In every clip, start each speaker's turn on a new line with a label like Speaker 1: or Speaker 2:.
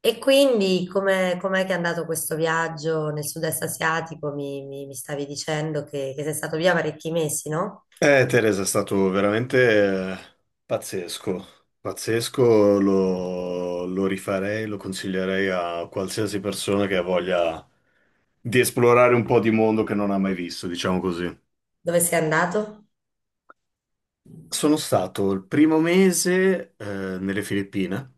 Speaker 1: E quindi com'è che è andato questo viaggio nel sud-est asiatico? Mi stavi dicendo che sei stato via parecchi mesi, no?
Speaker 2: Teresa, è stato veramente pazzesco, pazzesco. Lo rifarei, lo consiglierei a qualsiasi persona che ha voglia di esplorare un po' di mondo che non ha mai visto, diciamo così.
Speaker 1: Dove sei andato?
Speaker 2: Sono stato il primo mese nelle Filippine.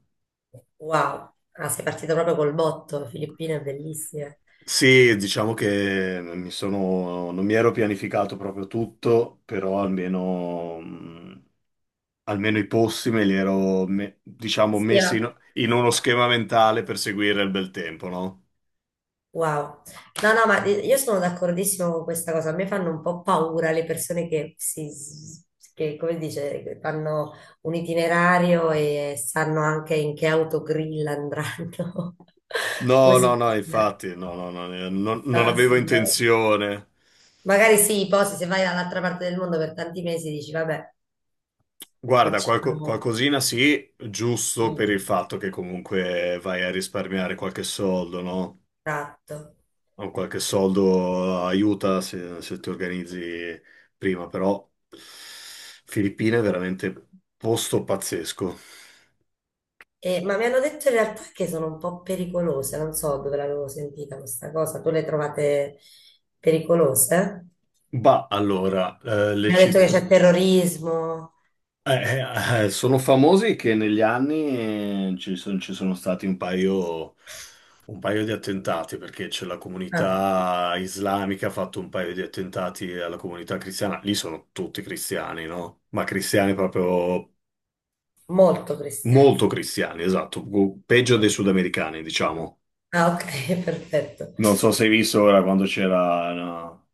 Speaker 1: Wow, ah, sei partito proprio col botto, Filippine, bellissime.
Speaker 2: Sì, diciamo che non mi ero pianificato proprio tutto, però almeno i posti me li ero, diciamo,
Speaker 1: Sì,
Speaker 2: messi in uno schema mentale per seguire il bel tempo, no?
Speaker 1: wow. No, no, ma io sono d'accordissimo con questa cosa. A me fanno un po' paura le persone che, come si dice, che fanno un itinerario e sanno anche in che autogrill andranno. Come
Speaker 2: No, no,
Speaker 1: si
Speaker 2: no,
Speaker 1: dice?
Speaker 2: infatti, no, no, no, non
Speaker 1: No,
Speaker 2: avevo
Speaker 1: signora.
Speaker 2: intenzione.
Speaker 1: Magari sì, poi se vai dall'altra parte del mondo per tanti mesi dici, vabbè,
Speaker 2: Guarda,
Speaker 1: facciamo.
Speaker 2: qualcosina sì, giusto
Speaker 1: Sì,
Speaker 2: per il
Speaker 1: sì,
Speaker 2: fatto che comunque vai a risparmiare qualche soldo, no?
Speaker 1: esatto.
Speaker 2: O qualche soldo aiuta se ti organizzi prima, però Filippine è veramente posto pazzesco.
Speaker 1: Ma mi hanno detto in realtà che sono un po' pericolose, non so dove l'avevo sentita questa cosa. Tu le trovate pericolose?
Speaker 2: Bah, allora, le
Speaker 1: Mi hanno detto che
Speaker 2: città.
Speaker 1: c'è terrorismo.
Speaker 2: Sono famosi che negli anni ci sono stati un paio di attentati, perché c'è la
Speaker 1: Ah,
Speaker 2: comunità islamica ha fatto un paio di attentati alla comunità cristiana. Lì sono tutti cristiani, no? Ma cristiani proprio
Speaker 1: molto cristiani.
Speaker 2: molto cristiani, esatto, peggio dei sudamericani, diciamo.
Speaker 1: Ah, ok, perfetto.
Speaker 2: Non so se hai visto ora quando c'era, no,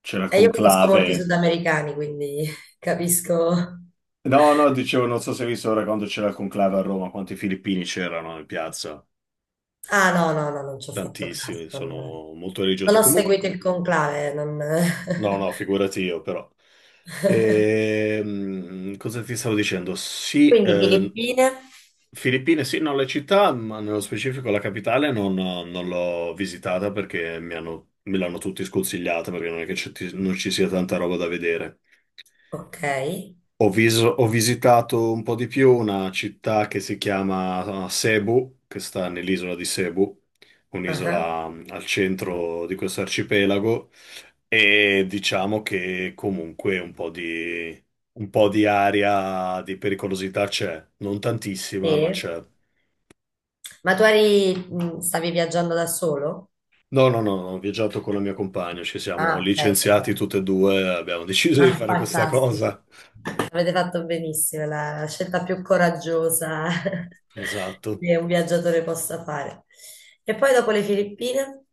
Speaker 2: c'era il
Speaker 1: E io conosco molti
Speaker 2: conclave.
Speaker 1: sudamericani, quindi capisco.
Speaker 2: No, no, dicevo, non so se hai visto ora quando c'era il conclave a Roma, quanti filippini c'erano in piazza.
Speaker 1: Ah, no, no, no, non ci ho fatto caso.
Speaker 2: Tantissimi, sono molto
Speaker 1: Non
Speaker 2: religiosi.
Speaker 1: ho
Speaker 2: Comunque,
Speaker 1: seguito il conclave, non.
Speaker 2: no, no, figurati io, però. Cosa ti stavo dicendo? Sì,
Speaker 1: Quindi Filippine,
Speaker 2: Filippine, sì, no, la città, ma nello specifico la capitale non l'ho visitata perché me l'hanno tutti sconsigliata perché non è che non ci sia tanta roba da vedere.
Speaker 1: ok.
Speaker 2: Ho visitato un po' di più una città che si chiama Cebu, che sta nell'isola di Cebu,
Speaker 1: Ah,
Speaker 2: un'isola al centro di questo arcipelago, e diciamo che comunque un po' di aria di pericolosità c'è, non tantissima, ma
Speaker 1: sì.
Speaker 2: c'è.
Speaker 1: Ma tu eri, stavi viaggiando da solo?
Speaker 2: No, no, no, no, ho viaggiato con la mia compagna, ci siamo
Speaker 1: Ah, ok.
Speaker 2: licenziati
Speaker 1: Perfetto.
Speaker 2: tutte e due, abbiamo deciso di
Speaker 1: Ah,
Speaker 2: fare questa
Speaker 1: fantastico.
Speaker 2: cosa.
Speaker 1: Avete fatto benissimo, la scelta più coraggiosa
Speaker 2: Esatto.
Speaker 1: che un viaggiatore possa fare. E poi dopo le Filippine?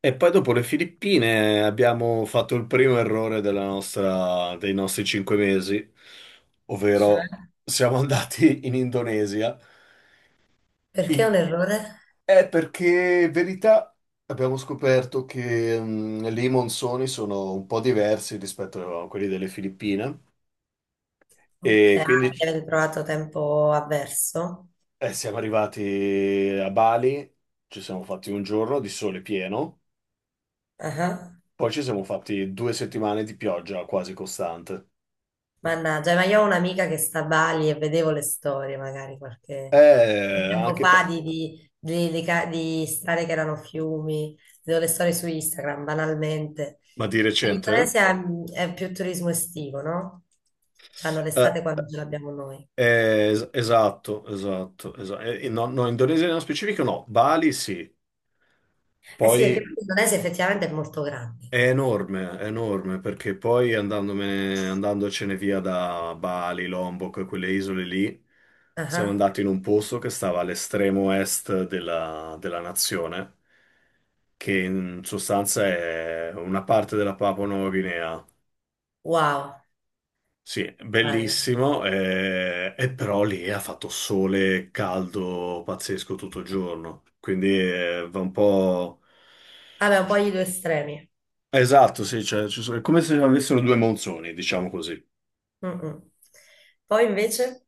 Speaker 2: E poi dopo le Filippine abbiamo fatto il primo errore dei nostri 5 mesi,
Speaker 1: Cioè?
Speaker 2: ovvero siamo andati in Indonesia.
Speaker 1: Perché è un
Speaker 2: In-
Speaker 1: errore?
Speaker 2: È perché, in verità, abbiamo scoperto che lì i monsoni sono un po' diversi rispetto a quelli delle Filippine,
Speaker 1: Ok,
Speaker 2: e
Speaker 1: ah,
Speaker 2: quindi
Speaker 1: perché avete trovato tempo avverso?
Speaker 2: siamo arrivati a Bali, ci siamo fatti un giorno di sole pieno,
Speaker 1: Ah.
Speaker 2: poi ci siamo fatti 2 settimane di pioggia quasi costante.
Speaker 1: Mannaggia, ma io ho un'amica che sta a Bali e vedevo le storie magari qualche
Speaker 2: Eh,
Speaker 1: tempo
Speaker 2: anche...
Speaker 1: fa
Speaker 2: pa-
Speaker 1: di strade che erano fiumi, vedevo le storie su Instagram banalmente.
Speaker 2: Ma di
Speaker 1: Ma
Speaker 2: recente?
Speaker 1: l'Indonesia è più turismo estivo, no? Cioè hanno
Speaker 2: Eh,
Speaker 1: l'estate quando ce l'abbiamo noi.
Speaker 2: esatto, esatto, esatto. No, no, Indonesia nello specifico no, Bali sì,
Speaker 1: Eh sì, perché
Speaker 2: poi
Speaker 1: poi l'Indonesia effettivamente è molto grande, quindi.
Speaker 2: è enorme, perché poi andandomene, andandocene via da Bali, Lombok, e quelle isole lì, siamo
Speaker 1: Ah,
Speaker 2: andati in un posto che stava all'estremo est della nazione, che in sostanza è una parte della Papua Nuova Guinea.
Speaker 1: wow.
Speaker 2: Sì,
Speaker 1: Eh,
Speaker 2: bellissimo, e però lì ha fatto sole caldo pazzesco tutto il giorno, quindi.
Speaker 1: vabbè, un po' gli due estremi.
Speaker 2: Esatto, sì, cioè, è come se avessero due monzoni, diciamo così.
Speaker 1: Mm, mm. Poi invece.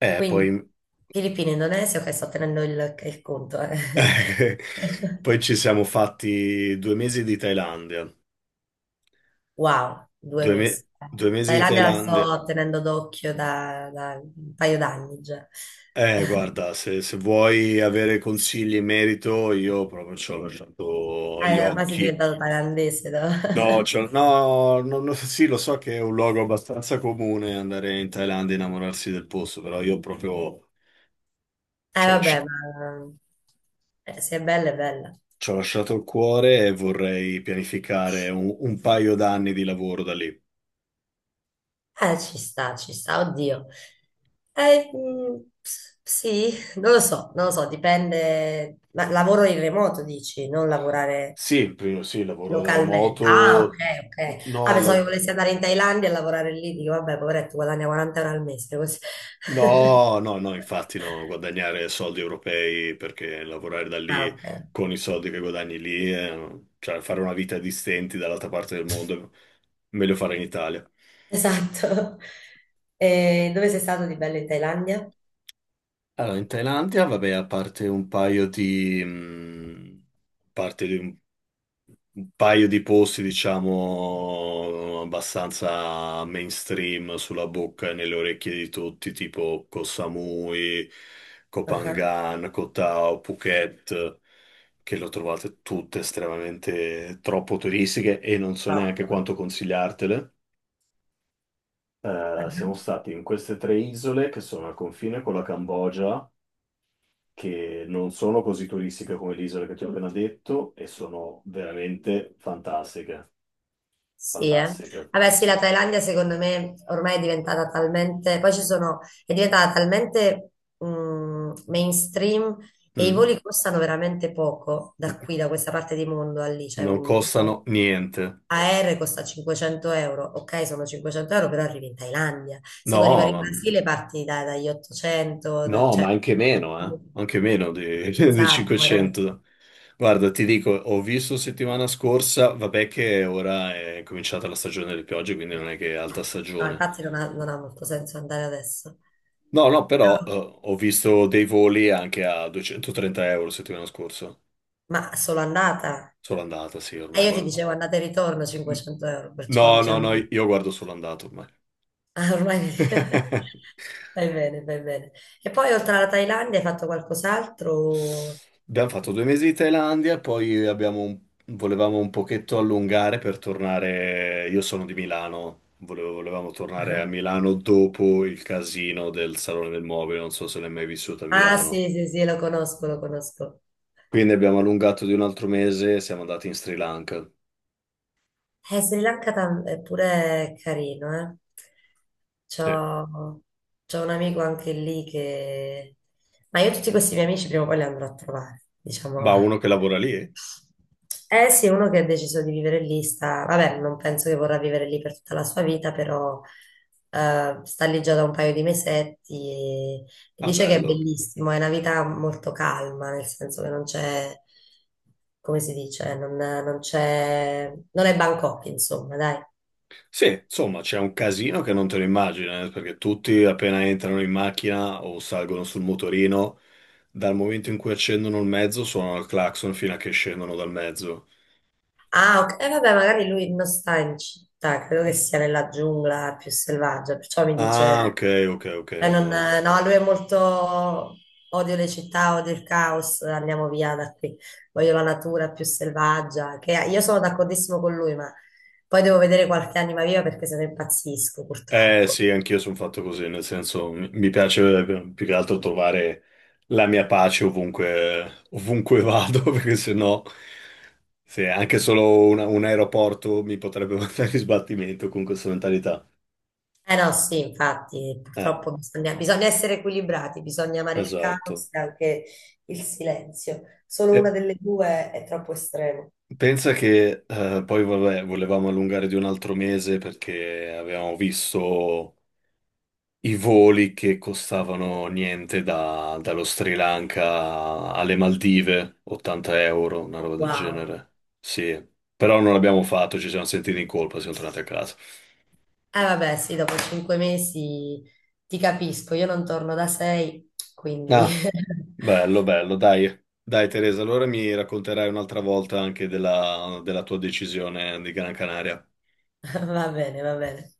Speaker 2: Eh,
Speaker 1: Quindi
Speaker 2: poi...
Speaker 1: Filippine, Indonesia, ok, sto tenendo il conto. Eh.
Speaker 2: Poi ci siamo fatti 2 mesi di Thailandia,
Speaker 1: Wow, due mesi.
Speaker 2: due mesi di
Speaker 1: Thailandia la
Speaker 2: Thailandia.
Speaker 1: sto tenendo d'occhio da un paio d'anni già.
Speaker 2: Guarda, se vuoi avere consigli in merito, io proprio ci ho lasciato gli
Speaker 1: Ormai sei
Speaker 2: occhi.
Speaker 1: diventato thailandese, no?
Speaker 2: No, cioè, no, no, no, sì, lo so che è un luogo abbastanza comune andare in Thailandia e innamorarsi del posto, però io proprio
Speaker 1: Eh
Speaker 2: ci ho
Speaker 1: vabbè,
Speaker 2: lascia-
Speaker 1: ma se è bella è bella.
Speaker 2: ci ho lasciato il cuore e vorrei pianificare un paio d'anni di lavoro da lì.
Speaker 1: Ci sta, oddio. Sì, non lo so, non lo so, dipende. Ma lavoro in remoto, dici, non lavorare.
Speaker 2: Sì, sì, lavoro da
Speaker 1: Localmente. Ah, ok,
Speaker 2: remoto,
Speaker 1: ok. Ah,
Speaker 2: no,
Speaker 1: pensavo che volessi andare in Thailandia e lavorare lì. Dico, vabbè, poveretto, guadagna 40 euro al mese, così.
Speaker 2: no, no, no, infatti no, guadagnare soldi europei perché lavorare da
Speaker 1: Ah,
Speaker 2: lì
Speaker 1: ok.
Speaker 2: con i soldi che guadagni lì, cioè fare una vita di stenti dall'altra parte del mondo, meglio fare in Italia.
Speaker 1: Esatto. E dove sei stato di bello in Thailandia?
Speaker 2: Allora, in Thailandia, vabbè, a parte di un paio di posti, diciamo, abbastanza mainstream sulla bocca e nelle orecchie di tutti, tipo Koh Samui, Koh
Speaker 1: Ah,
Speaker 2: Phangan, Koh Tao, Phuket, che lo trovate tutte estremamente troppo turistiche e non so neanche
Speaker 1: troppo.
Speaker 2: quanto consigliartele.
Speaker 1: Ah,
Speaker 2: Siamo stati in queste tre isole che sono al confine con la Cambogia, che non sono così turistiche come l'isola che ti ho appena detto, e sono veramente fantastiche,
Speaker 1: sì, eh.
Speaker 2: fantastiche.
Speaker 1: Vabbè, sì, la
Speaker 2: Sì.
Speaker 1: Thailandia secondo me ormai è diventata talmente, poi ci sono, è diventata talmente mainstream e i
Speaker 2: Mm.
Speaker 1: voli costano veramente poco da qui, da questa parte di mondo a lì, cioè un
Speaker 2: Non
Speaker 1: volo.
Speaker 2: costano niente.
Speaker 1: AR costa 500 euro, ok, sono 500 euro, però arrivi in Thailandia. Se
Speaker 2: No,
Speaker 1: vuoi arrivare in
Speaker 2: ma,
Speaker 1: Brasile parti dagli 800,
Speaker 2: no, ma
Speaker 1: cioè,
Speaker 2: anche meno, eh? Anche meno di, di
Speaker 1: esatto, magari.
Speaker 2: 500. Guarda, ti dico, ho visto settimana scorsa, vabbè che ora è cominciata la stagione delle piogge, quindi non è che è alta
Speaker 1: No,
Speaker 2: stagione.
Speaker 1: infatti non ha molto senso andare adesso.
Speaker 2: No, no, però
Speaker 1: Però-
Speaker 2: ho visto dei voli anche a 230 euro settimana scorsa.
Speaker 1: ma solo andata?
Speaker 2: Sono andata, sì,
Speaker 1: E
Speaker 2: ormai
Speaker 1: io ti
Speaker 2: guarda.
Speaker 1: dicevo andata e ritorno 500 euro,
Speaker 2: No,
Speaker 1: perciò
Speaker 2: no,
Speaker 1: diciamo
Speaker 2: no,
Speaker 1: che
Speaker 2: io guardo solo andato ormai.
Speaker 1: ormai fai bene, fai bene. E poi oltre alla Thailandia hai fatto qualcos'altro?
Speaker 2: Abbiamo fatto due mesi di Thailandia, poi volevamo un pochetto allungare per tornare. Io sono di Milano, volevamo tornare a
Speaker 1: Ah.
Speaker 2: Milano dopo il casino del Salone del Mobile. Non so se l'hai mai vissuto a
Speaker 1: Ah,
Speaker 2: Milano.
Speaker 1: sì, sì, sì, lo conosco, lo conosco.
Speaker 2: Quindi abbiamo allungato di un altro mese e siamo andati in Sri Lanka.
Speaker 1: Sri Lanka è pure carino, eh. C'ho,
Speaker 2: Sì.
Speaker 1: c'ho un amico anche lì che. Ma io tutti questi miei amici prima o poi li andrò a trovare, diciamo.
Speaker 2: Ma uno che lavora lì?
Speaker 1: Eh sì, uno che ha deciso di vivere lì sta, vabbè, non penso che vorrà vivere lì per tutta la sua vita, però sta lì già da un paio di mesetti e
Speaker 2: Ah,
Speaker 1: dice che è
Speaker 2: bello.
Speaker 1: bellissimo, è una vita molto calma, nel senso che non c'è, come si dice, non c'è, non è Bangkok, insomma, dai.
Speaker 2: Sì, insomma, c'è un casino che non te lo immagini, perché tutti appena entrano in macchina o salgono sul motorino, dal momento in cui accendono il mezzo, suonano il clacson fino a che scendono dal mezzo.
Speaker 1: Ah, ok. E vabbè, magari lui non sta in città, credo che sia nella giungla più selvaggia, perciò mi
Speaker 2: Ah,
Speaker 1: dice,
Speaker 2: ok, ok, ok.
Speaker 1: no, lui è molto, odio le città, odio il caos, andiamo via da qui, voglio la natura più selvaggia, che io sono d'accordissimo con lui, ma poi devo vedere qualche anima viva perché se ne impazzisco, purtroppo.
Speaker 2: Sì, anch'io sono fatto così, nel senso, mi piace più che altro trovare la mia pace ovunque, ovunque vado, perché sennò, se anche solo un aeroporto mi potrebbe mandare in sbattimento con questa mentalità.
Speaker 1: Eh no, sì, infatti,
Speaker 2: Eh,
Speaker 1: purtroppo bisogna essere equilibrati, bisogna amare il caos
Speaker 2: esatto.
Speaker 1: e anche il silenzio. Solo una delle due è troppo estremo.
Speaker 2: Pensa che poi vabbè, volevamo allungare di un altro mese perché avevamo visto i voli che costavano niente dallo Sri Lanka alle Maldive, 80 euro, una roba del
Speaker 1: Wow.
Speaker 2: genere. Sì, però non l'abbiamo fatto, ci siamo sentiti in colpa, siamo tornati a casa.
Speaker 1: Eh vabbè, sì, dopo 5 mesi ti capisco, io non torno da sei, quindi
Speaker 2: Ah, bello, bello, dai. Dai, Teresa, allora mi racconterai un'altra volta anche della tua decisione di Gran Canaria.
Speaker 1: va bene, va bene.